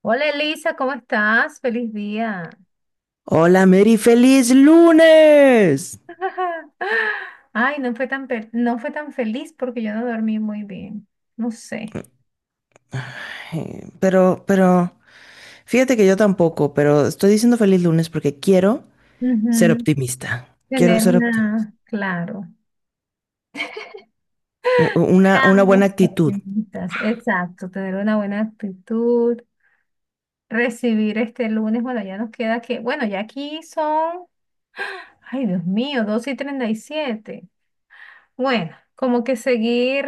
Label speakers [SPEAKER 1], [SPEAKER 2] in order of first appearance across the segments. [SPEAKER 1] Hola Elisa, ¿cómo estás? Feliz día.
[SPEAKER 2] Hola, Mary, feliz lunes.
[SPEAKER 1] Ay, no fue tan, no fue tan feliz porque yo no dormí muy bien. No sé.
[SPEAKER 2] Pero, fíjate que yo tampoco, pero estoy diciendo feliz lunes porque quiero ser
[SPEAKER 1] Ujú.
[SPEAKER 2] optimista. Quiero
[SPEAKER 1] Tener
[SPEAKER 2] ser optimista.
[SPEAKER 1] una, claro.
[SPEAKER 2] Una buena
[SPEAKER 1] Seamos
[SPEAKER 2] actitud.
[SPEAKER 1] optimistas. Exacto, tener una buena actitud, recibir este lunes. Bueno, ya nos queda que, bueno, ya aquí son, ay Dios mío, 2 y treinta y siete. Bueno, como que seguir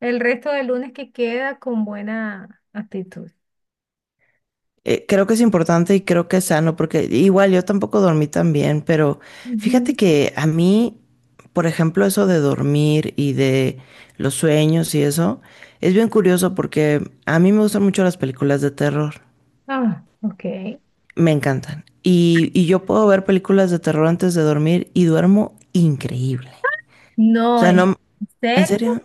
[SPEAKER 1] el resto del lunes que queda con buena actitud.
[SPEAKER 2] Creo que es importante y creo que es sano porque igual yo tampoco dormí tan bien, pero fíjate
[SPEAKER 1] Ujú.
[SPEAKER 2] que a mí, por ejemplo, eso de dormir y de los sueños y eso, es bien curioso porque a mí me gustan mucho las películas de terror.
[SPEAKER 1] Ah, ok.
[SPEAKER 2] Me encantan. Y yo puedo ver películas de terror antes de dormir y duermo increíble. O
[SPEAKER 1] No,
[SPEAKER 2] sea,
[SPEAKER 1] el...
[SPEAKER 2] no,
[SPEAKER 1] ¿En
[SPEAKER 2] en
[SPEAKER 1] serio?
[SPEAKER 2] serio,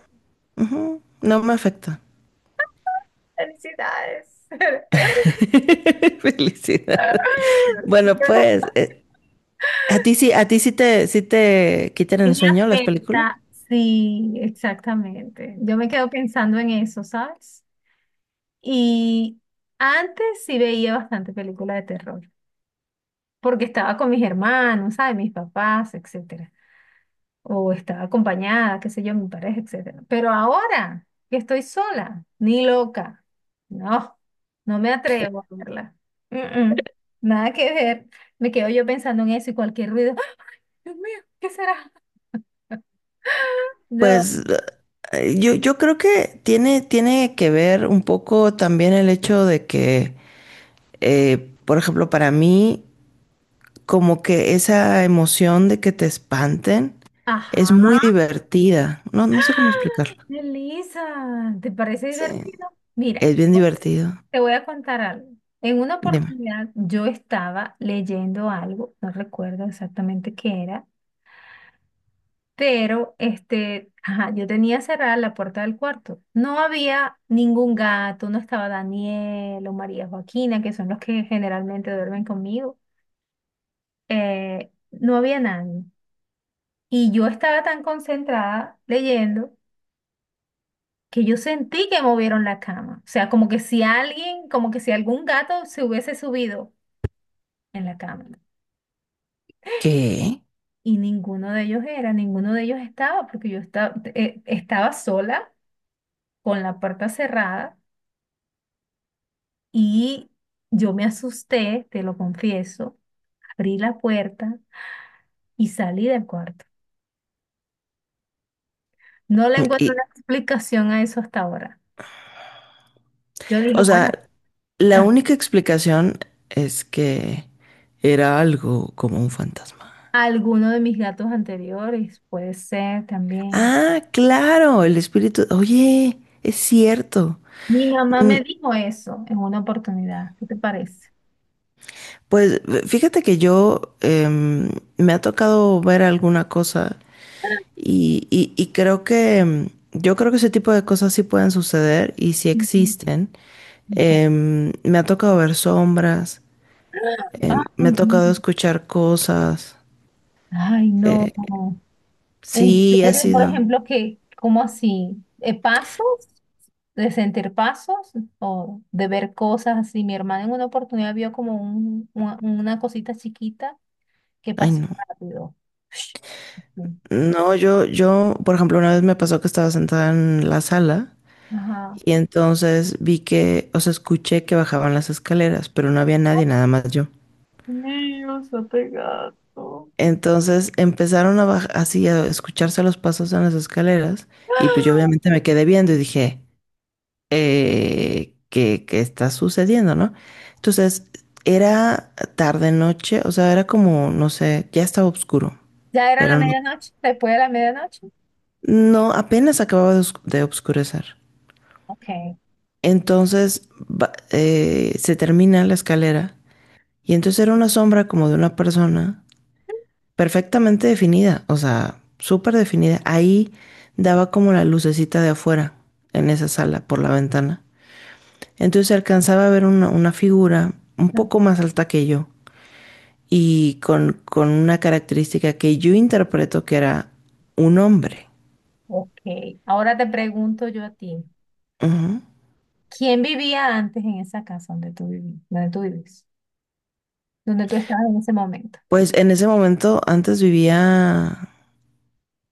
[SPEAKER 2] ujú, no me afecta.
[SPEAKER 1] Felicidades.
[SPEAKER 2] Felicidad. Bueno,
[SPEAKER 1] Pero
[SPEAKER 2] pues, ¿a ti sí, a ti sí te quitan
[SPEAKER 1] sí
[SPEAKER 2] el
[SPEAKER 1] me
[SPEAKER 2] sueño las películas?
[SPEAKER 1] afecta. Sí, exactamente. Yo me quedo pensando en eso, ¿sabes? Y antes sí veía bastante película de terror, porque estaba con mis hermanos, ¿sabes? Mis papás, etc. O estaba acompañada, qué sé yo, mi pareja, etcétera. Pero ahora que estoy sola, ni loca, no, no me atrevo a verla. Mm, mm, nada que ver. Me quedo yo pensando en eso y cualquier ruido. ¡Ah! Dios mío, ¿qué será? No.
[SPEAKER 2] Pues yo creo que tiene que ver un poco también el hecho de que, por ejemplo, para mí, como que esa emoción de que te espanten es muy
[SPEAKER 1] Ajá,
[SPEAKER 2] divertida. No, no sé cómo explicarlo.
[SPEAKER 1] Elisa, ¿te parece
[SPEAKER 2] Sí,
[SPEAKER 1] divertido? Mira,
[SPEAKER 2] es bien divertido.
[SPEAKER 1] te voy a contar algo. En una
[SPEAKER 2] Dime.
[SPEAKER 1] oportunidad yo estaba leyendo algo, no recuerdo exactamente qué era. Pero ajá, yo tenía cerrada la puerta del cuarto. No había ningún gato, no estaba Daniel o María Joaquina, que son los que generalmente duermen conmigo. No había nadie. Y yo estaba tan concentrada leyendo que yo sentí que movieron la cama. O sea, como que si alguien, como que si algún gato se hubiese subido en la cama.
[SPEAKER 2] ¿Qué?
[SPEAKER 1] Y ninguno de ellos era, ninguno de ellos estaba, porque yo estaba sola con la puerta cerrada y yo me asusté, te lo confieso, abrí la puerta y salí del cuarto. No le encuentro
[SPEAKER 2] Y,
[SPEAKER 1] una explicación a eso hasta ahora. Yo dije,
[SPEAKER 2] o
[SPEAKER 1] bueno,
[SPEAKER 2] sea, la única explicación es que era algo como un fantasma.
[SPEAKER 1] alguno de mis gatos anteriores puede ser también.
[SPEAKER 2] Ah, claro, el espíritu. Oye, es cierto.
[SPEAKER 1] Mi mamá
[SPEAKER 2] Mm,
[SPEAKER 1] me dijo eso en una oportunidad. ¿Qué te parece?
[SPEAKER 2] Pues fíjate que yo me ha tocado ver alguna cosa y, y creo que yo creo que ese tipo de cosas sí pueden suceder y sí
[SPEAKER 1] Ujú.
[SPEAKER 2] existen.
[SPEAKER 1] Ok.
[SPEAKER 2] Me ha tocado ver sombras, me ha
[SPEAKER 1] Ay, no.
[SPEAKER 2] tocado escuchar cosas.
[SPEAKER 1] Ay, no. En
[SPEAKER 2] Sí, ha
[SPEAKER 1] serio, por
[SPEAKER 2] sido.
[SPEAKER 1] ejemplo, que, ¿cómo así? ¿Pasos? ¿De sentir pasos? ¿O de ver cosas así? Mi hermana en una oportunidad vio como una cosita chiquita que
[SPEAKER 2] Ay,
[SPEAKER 1] pasó
[SPEAKER 2] no.
[SPEAKER 1] rápido.
[SPEAKER 2] No, por ejemplo, una vez me pasó que estaba sentada en la sala
[SPEAKER 1] Ajá.
[SPEAKER 2] y entonces vi que, o sea, escuché que bajaban las escaleras, pero no había nadie, nada más yo.
[SPEAKER 1] Dios, ate gato.
[SPEAKER 2] Entonces empezaron a bajar, así a escucharse los pasos en las escaleras y pues yo obviamente me quedé viendo y dije, ¿qué está sucediendo, no? Entonces era tarde noche, o sea, era como, no sé, ya estaba oscuro,
[SPEAKER 1] ¿Ya era la
[SPEAKER 2] pero no,
[SPEAKER 1] medianoche? ¿Después de la medianoche?
[SPEAKER 2] no apenas acababa de oscurecer.
[SPEAKER 1] Ok.
[SPEAKER 2] Entonces se termina la escalera y entonces era una sombra como de una persona perfectamente definida, o sea, súper definida. Ahí daba como la lucecita de afuera, en esa sala, por la ventana. Entonces alcanzaba a ver una figura un poco más alta que yo y con una característica que yo interpreto que era un hombre.
[SPEAKER 1] Ok. Ahora te pregunto yo a ti.
[SPEAKER 2] Ujú.
[SPEAKER 1] ¿Quién vivía antes en esa casa donde tú donde tú vives? Donde tú estabas en ese momento.
[SPEAKER 2] Pues en ese momento antes vivía,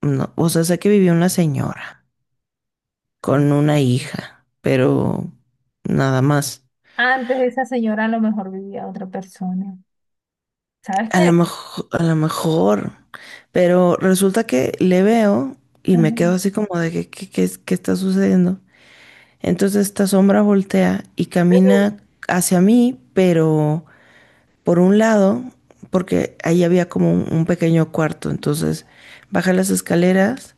[SPEAKER 2] no, o sea, sé que vivía una señora con una hija, pero nada más.
[SPEAKER 1] Antes de esa señora a lo mejor vivía otra persona. ¿Sabes qué?
[SPEAKER 2] A lo mejor, pero resulta que le veo y
[SPEAKER 1] Ajá.
[SPEAKER 2] me quedo así como de que, ¿qué está sucediendo? Entonces esta sombra voltea y camina hacia mí, pero por un lado, porque ahí había como un pequeño cuarto, entonces baja las escaleras,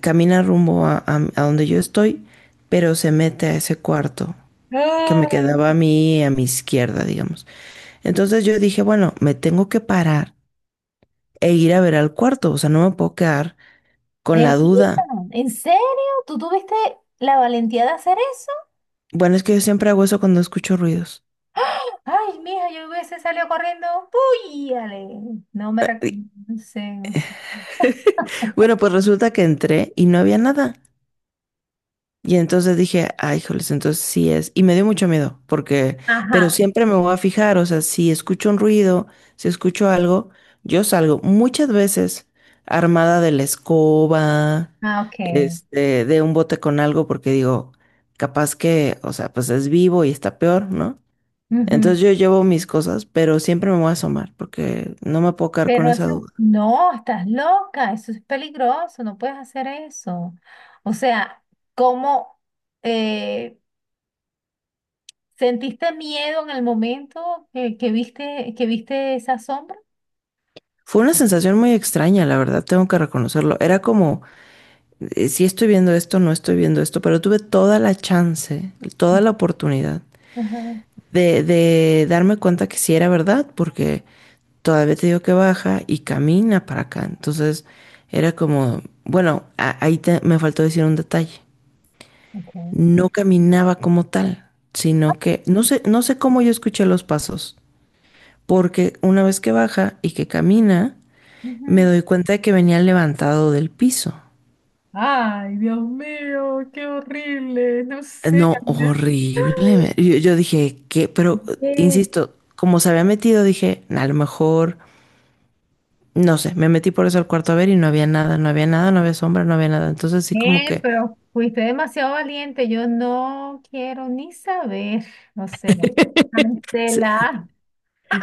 [SPEAKER 2] camina rumbo a donde yo estoy, pero se mete a ese cuarto que me
[SPEAKER 1] Ay,
[SPEAKER 2] quedaba a mí a mi izquierda, digamos. Entonces yo dije, bueno, me tengo que parar e ir a ver al cuarto. O sea, no me puedo quedar con la
[SPEAKER 1] Melissa,
[SPEAKER 2] duda.
[SPEAKER 1] ¿en serio? ¿Tú tuviste la valentía de hacer eso?
[SPEAKER 2] Bueno, es que yo siempre hago eso cuando escucho ruidos.
[SPEAKER 1] ¡Ah! Ay, mija, yo hubiese salido corriendo. ¡Puyale! No me reconocen.
[SPEAKER 2] Bueno, pues resulta que entré y no había nada. Y entonces dije, ay, joles, entonces sí es. Y me dio mucho miedo, porque, pero
[SPEAKER 1] Ajá.
[SPEAKER 2] siempre me voy a fijar, o sea, si escucho un ruido, si escucho algo, yo salgo muchas veces armada de la escoba,
[SPEAKER 1] Ah, ok.
[SPEAKER 2] este, de un bote con algo, porque digo, capaz que, o sea, pues es vivo y está peor, ¿no? Entonces
[SPEAKER 1] Ujú.
[SPEAKER 2] yo llevo mis cosas, pero siempre me voy a asomar porque no me puedo quedar con
[SPEAKER 1] Pero
[SPEAKER 2] esa duda.
[SPEAKER 1] no, estás loca. Eso es peligroso. No puedes hacer eso. O sea, ¿cómo? eh, ¿Sentiste miedo en el momento que viste esa sombra?
[SPEAKER 2] Fue una sensación muy extraña, la verdad, tengo que reconocerlo. Era como, si estoy viendo esto, no estoy viendo esto, pero tuve toda la chance, toda la oportunidad
[SPEAKER 1] Ajá,
[SPEAKER 2] de darme cuenta que sí era verdad, porque todavía te digo que baja y camina para acá. Entonces era como, bueno, me faltó decir un detalle.
[SPEAKER 1] ok.
[SPEAKER 2] No caminaba como tal, sino que no sé cómo yo escuché los pasos. Porque una vez que baja y que camina, me
[SPEAKER 1] Ujú.
[SPEAKER 2] doy cuenta de que venía levantado del piso.
[SPEAKER 1] Ay, Dios mío, qué horrible, no sé.
[SPEAKER 2] No,
[SPEAKER 1] Ana.
[SPEAKER 2] horrible. Yo dije, ¿qué? Pero,
[SPEAKER 1] Sí.
[SPEAKER 2] insisto, como se había metido, dije, a lo mejor, no sé, me metí por eso al cuarto a ver y no había nada, no había nada, no había sombra, no había nada. Entonces sí como que
[SPEAKER 1] Pero fuiste demasiado valiente. Yo no quiero ni saber. O sea,
[SPEAKER 2] se,
[SPEAKER 1] cancelar.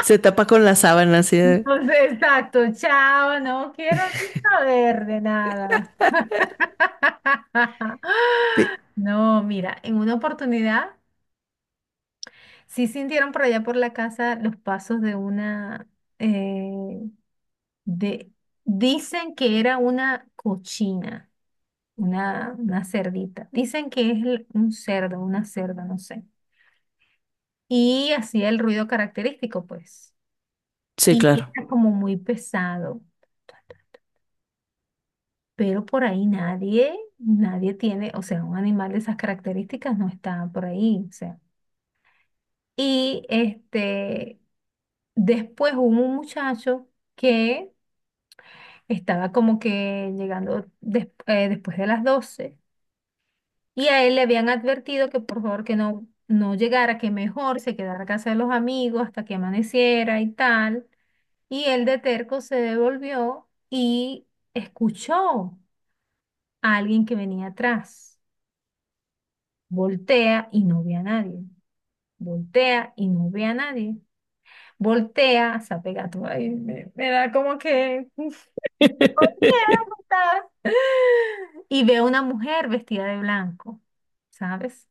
[SPEAKER 2] se tapa con la sábana así de.
[SPEAKER 1] Entonces, exacto, chao. No quiero ni saber de nada. No, mira, en una oportunidad. Sí sintieron por allá por la casa los pasos de una, eh, de, dicen que era una cochina, una cerdita. Dicen que es un cerdo, una cerda, no sé. Y hacía el ruido característico, pues.
[SPEAKER 2] Sí,
[SPEAKER 1] Y
[SPEAKER 2] claro,
[SPEAKER 1] era como muy pesado. Pero por ahí nadie, nadie tiene, o sea, un animal de esas características no está por ahí, o sea. Y después hubo un muchacho que estaba como que llegando después de las 12 y a él le habían advertido que por favor que no llegara, que mejor se quedara a casa de los amigos hasta que amaneciera y tal. Y él de terco se devolvió y escuchó a alguien que venía atrás. Voltea y no ve a nadie. Voltea y no ve a nadie. Voltea, se apega todo. Ay, me da como que Y veo una mujer vestida de blanco, ¿sabes?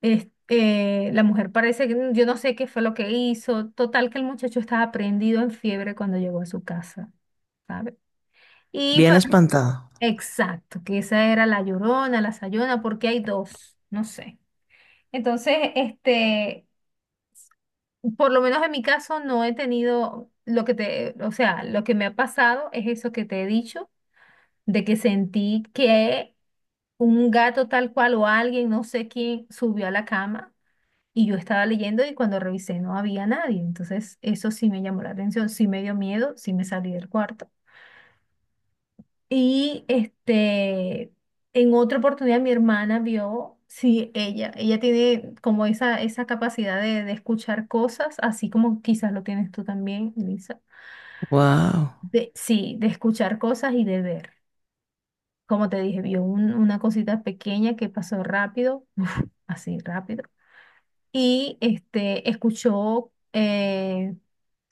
[SPEAKER 1] La mujer parece que yo no sé qué fue lo que hizo. Total que el muchacho estaba prendido en fiebre cuando llegó a su casa, ¿sabes? Y
[SPEAKER 2] bien espantado.
[SPEAKER 1] exacto, que esa era la llorona, la sayona, porque hay dos, no sé. Entonces, por lo menos en mi caso no he tenido lo que te, o sea, lo que me ha pasado es eso que te he dicho, de que sentí que un gato tal cual o alguien, no sé quién, subió a la cama y yo estaba leyendo y cuando revisé no había nadie. Entonces, eso sí me llamó la atención, sí me dio miedo, sí me salí del cuarto. Y en otra oportunidad mi hermana vio, sí, ella tiene como esa capacidad de escuchar cosas, así como quizás lo tienes tú también, Lisa.
[SPEAKER 2] Wow.
[SPEAKER 1] De, sí, de escuchar cosas y de ver. Como te dije, vio una cosita pequeña que pasó rápido, así rápido. Y escuchó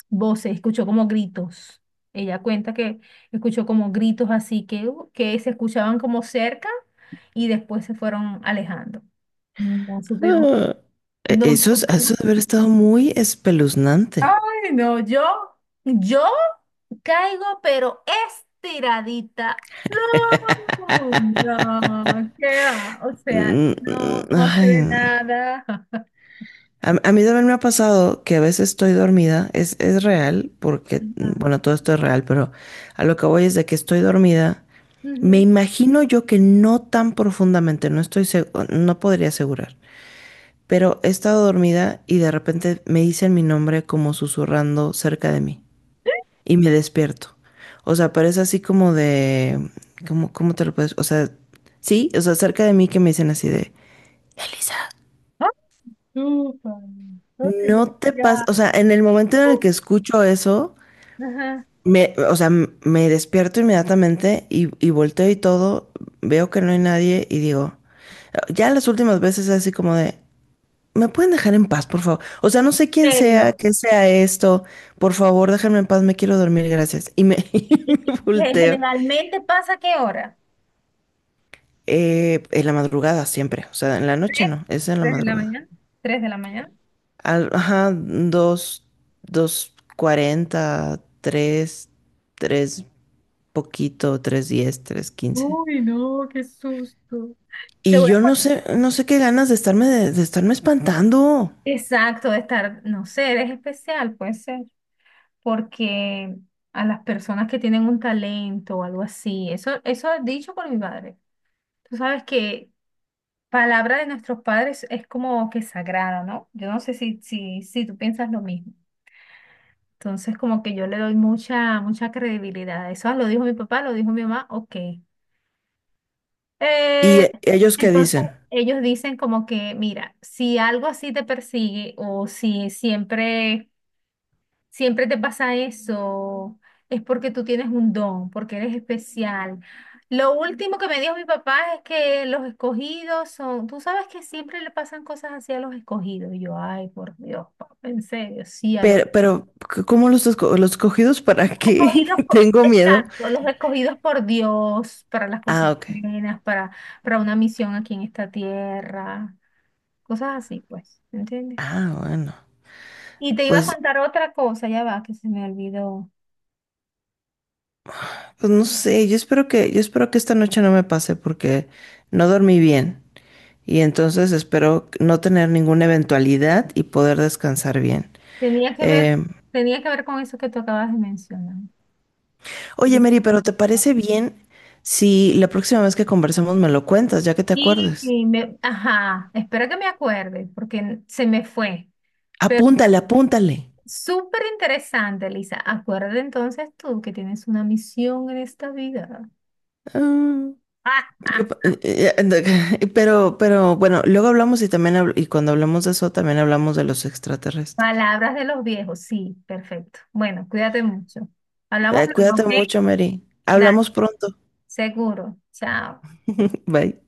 [SPEAKER 1] voces, escuchó como gritos. Ella cuenta que escuchó como gritos así que se escuchaban como cerca y después se fueron alejando. No supimos,
[SPEAKER 2] Ah,
[SPEAKER 1] no
[SPEAKER 2] Eso, es-
[SPEAKER 1] supimos.
[SPEAKER 2] eso debe haber estado muy espeluznante.
[SPEAKER 1] Ay, no, yo, caigo, pero estiradita. No, no, qué va, o sea,
[SPEAKER 2] Mm, mm.
[SPEAKER 1] no, no se
[SPEAKER 2] Ay,
[SPEAKER 1] ve
[SPEAKER 2] no.
[SPEAKER 1] nada.
[SPEAKER 2] A mí también me ha pasado que a veces estoy dormida, es real, porque,
[SPEAKER 1] Ajá.
[SPEAKER 2] bueno, todo esto es real, pero a lo que voy es de que estoy dormida. Me
[SPEAKER 1] Ujú.
[SPEAKER 2] imagino yo que no tan profundamente, no podría asegurar, pero he estado dormida y de repente me dicen mi nombre como susurrando cerca de mí y me despierto. O sea, pero es así como de, ¿cómo te lo puedes? O sea, sí, o sea, cerca de mí que me dicen así de, Elisa.
[SPEAKER 1] Súper. Ay,
[SPEAKER 2] No te
[SPEAKER 1] ya.
[SPEAKER 2] pasa, o sea, en el momento en el que escucho eso,
[SPEAKER 1] Ajá.
[SPEAKER 2] me, o sea, m- me despierto inmediatamente y volteo y todo, veo que no hay nadie y digo, ya las últimas veces así como de, ¿me pueden dejar en paz, por favor? O sea, no sé quién
[SPEAKER 1] ¿En
[SPEAKER 2] sea,
[SPEAKER 1] serio?
[SPEAKER 2] qué sea esto, por favor, déjenme en paz, me quiero dormir, gracias. Y
[SPEAKER 1] ¿Y
[SPEAKER 2] me
[SPEAKER 1] qué
[SPEAKER 2] volteo.
[SPEAKER 1] generalmente pasa a qué hora?
[SPEAKER 2] En la madrugada siempre, o sea, en la noche
[SPEAKER 1] ¿Tres?
[SPEAKER 2] no, es en la
[SPEAKER 1] ¿Tres de la
[SPEAKER 2] madrugada.
[SPEAKER 1] mañana? ¿Tres de la mañana?
[SPEAKER 2] Ajá, dos, 2:40, tres, tres poquito, 3:10, 3:15.
[SPEAKER 1] Uy, no, qué susto. Te
[SPEAKER 2] Y
[SPEAKER 1] voy
[SPEAKER 2] yo no
[SPEAKER 1] a-
[SPEAKER 2] sé, no sé qué ganas de estarme, de estarme espantando.
[SPEAKER 1] Exacto, de estar, no sé, eres especial, puede ser, porque a las personas que tienen un talento o algo así, eso es dicho por mi padre. Tú sabes que palabra de nuestros padres es como que sagrada, ¿no? Yo no sé si tú piensas lo mismo. Entonces, como que yo le doy mucha, mucha credibilidad eso. "Ah, lo dijo mi papá, lo dijo mi mamá, ok. Eh,
[SPEAKER 2] Y ellos qué
[SPEAKER 1] entonces,
[SPEAKER 2] dicen,
[SPEAKER 1] ellos dicen como que, mira, si algo así te persigue o si siempre, siempre te pasa eso, es porque tú tienes un don, porque eres especial. Lo último que me dijo mi papá es que los escogidos son, tú sabes que siempre le pasan cosas así a los escogidos. Y yo, ay, por Dios, papá, en serio, sí, a los
[SPEAKER 2] ¿cómo los escogidos para
[SPEAKER 1] escogidos,
[SPEAKER 2] qué? Tengo miedo.
[SPEAKER 1] exacto, los escogidos por Dios para las
[SPEAKER 2] Ah,
[SPEAKER 1] cosas
[SPEAKER 2] ok.
[SPEAKER 1] buenas, para, una misión aquí en esta tierra, cosas así, pues, ¿entiendes?
[SPEAKER 2] Ah, bueno.
[SPEAKER 1] Y te iba a
[SPEAKER 2] Pues,
[SPEAKER 1] contar otra cosa, ya va, que se me olvidó.
[SPEAKER 2] pues, no sé, yo espero que esta noche no me pase porque no dormí bien. Y entonces espero no tener ninguna eventualidad y poder descansar bien.
[SPEAKER 1] Tenía que ver,
[SPEAKER 2] Eh,
[SPEAKER 1] tenía que ver con eso que tú acabas de mencionar.
[SPEAKER 2] oye,
[SPEAKER 1] De-
[SPEAKER 2] Mary, pero ¿te parece bien si la próxima vez que conversemos me lo cuentas, ya que te acuerdes?
[SPEAKER 1] Y ajá, espera que me acuerde, porque se me fue. Pero
[SPEAKER 2] Apúntale, apúntale.
[SPEAKER 1] súper interesante, Lisa. Acuérdate entonces tú que tienes una misión en esta vida.
[SPEAKER 2] Ah, pero bueno, luego hablamos y también y cuando hablamos de eso también hablamos de los extraterrestres.
[SPEAKER 1] Palabras de los viejos, sí, perfecto. Bueno, cuídate mucho. Hablamos
[SPEAKER 2] Eh,
[SPEAKER 1] luego, ¿ok?
[SPEAKER 2] cuídate mucho, Mary.
[SPEAKER 1] Dale,
[SPEAKER 2] Hablamos pronto.
[SPEAKER 1] seguro. Chao.
[SPEAKER 2] Bye.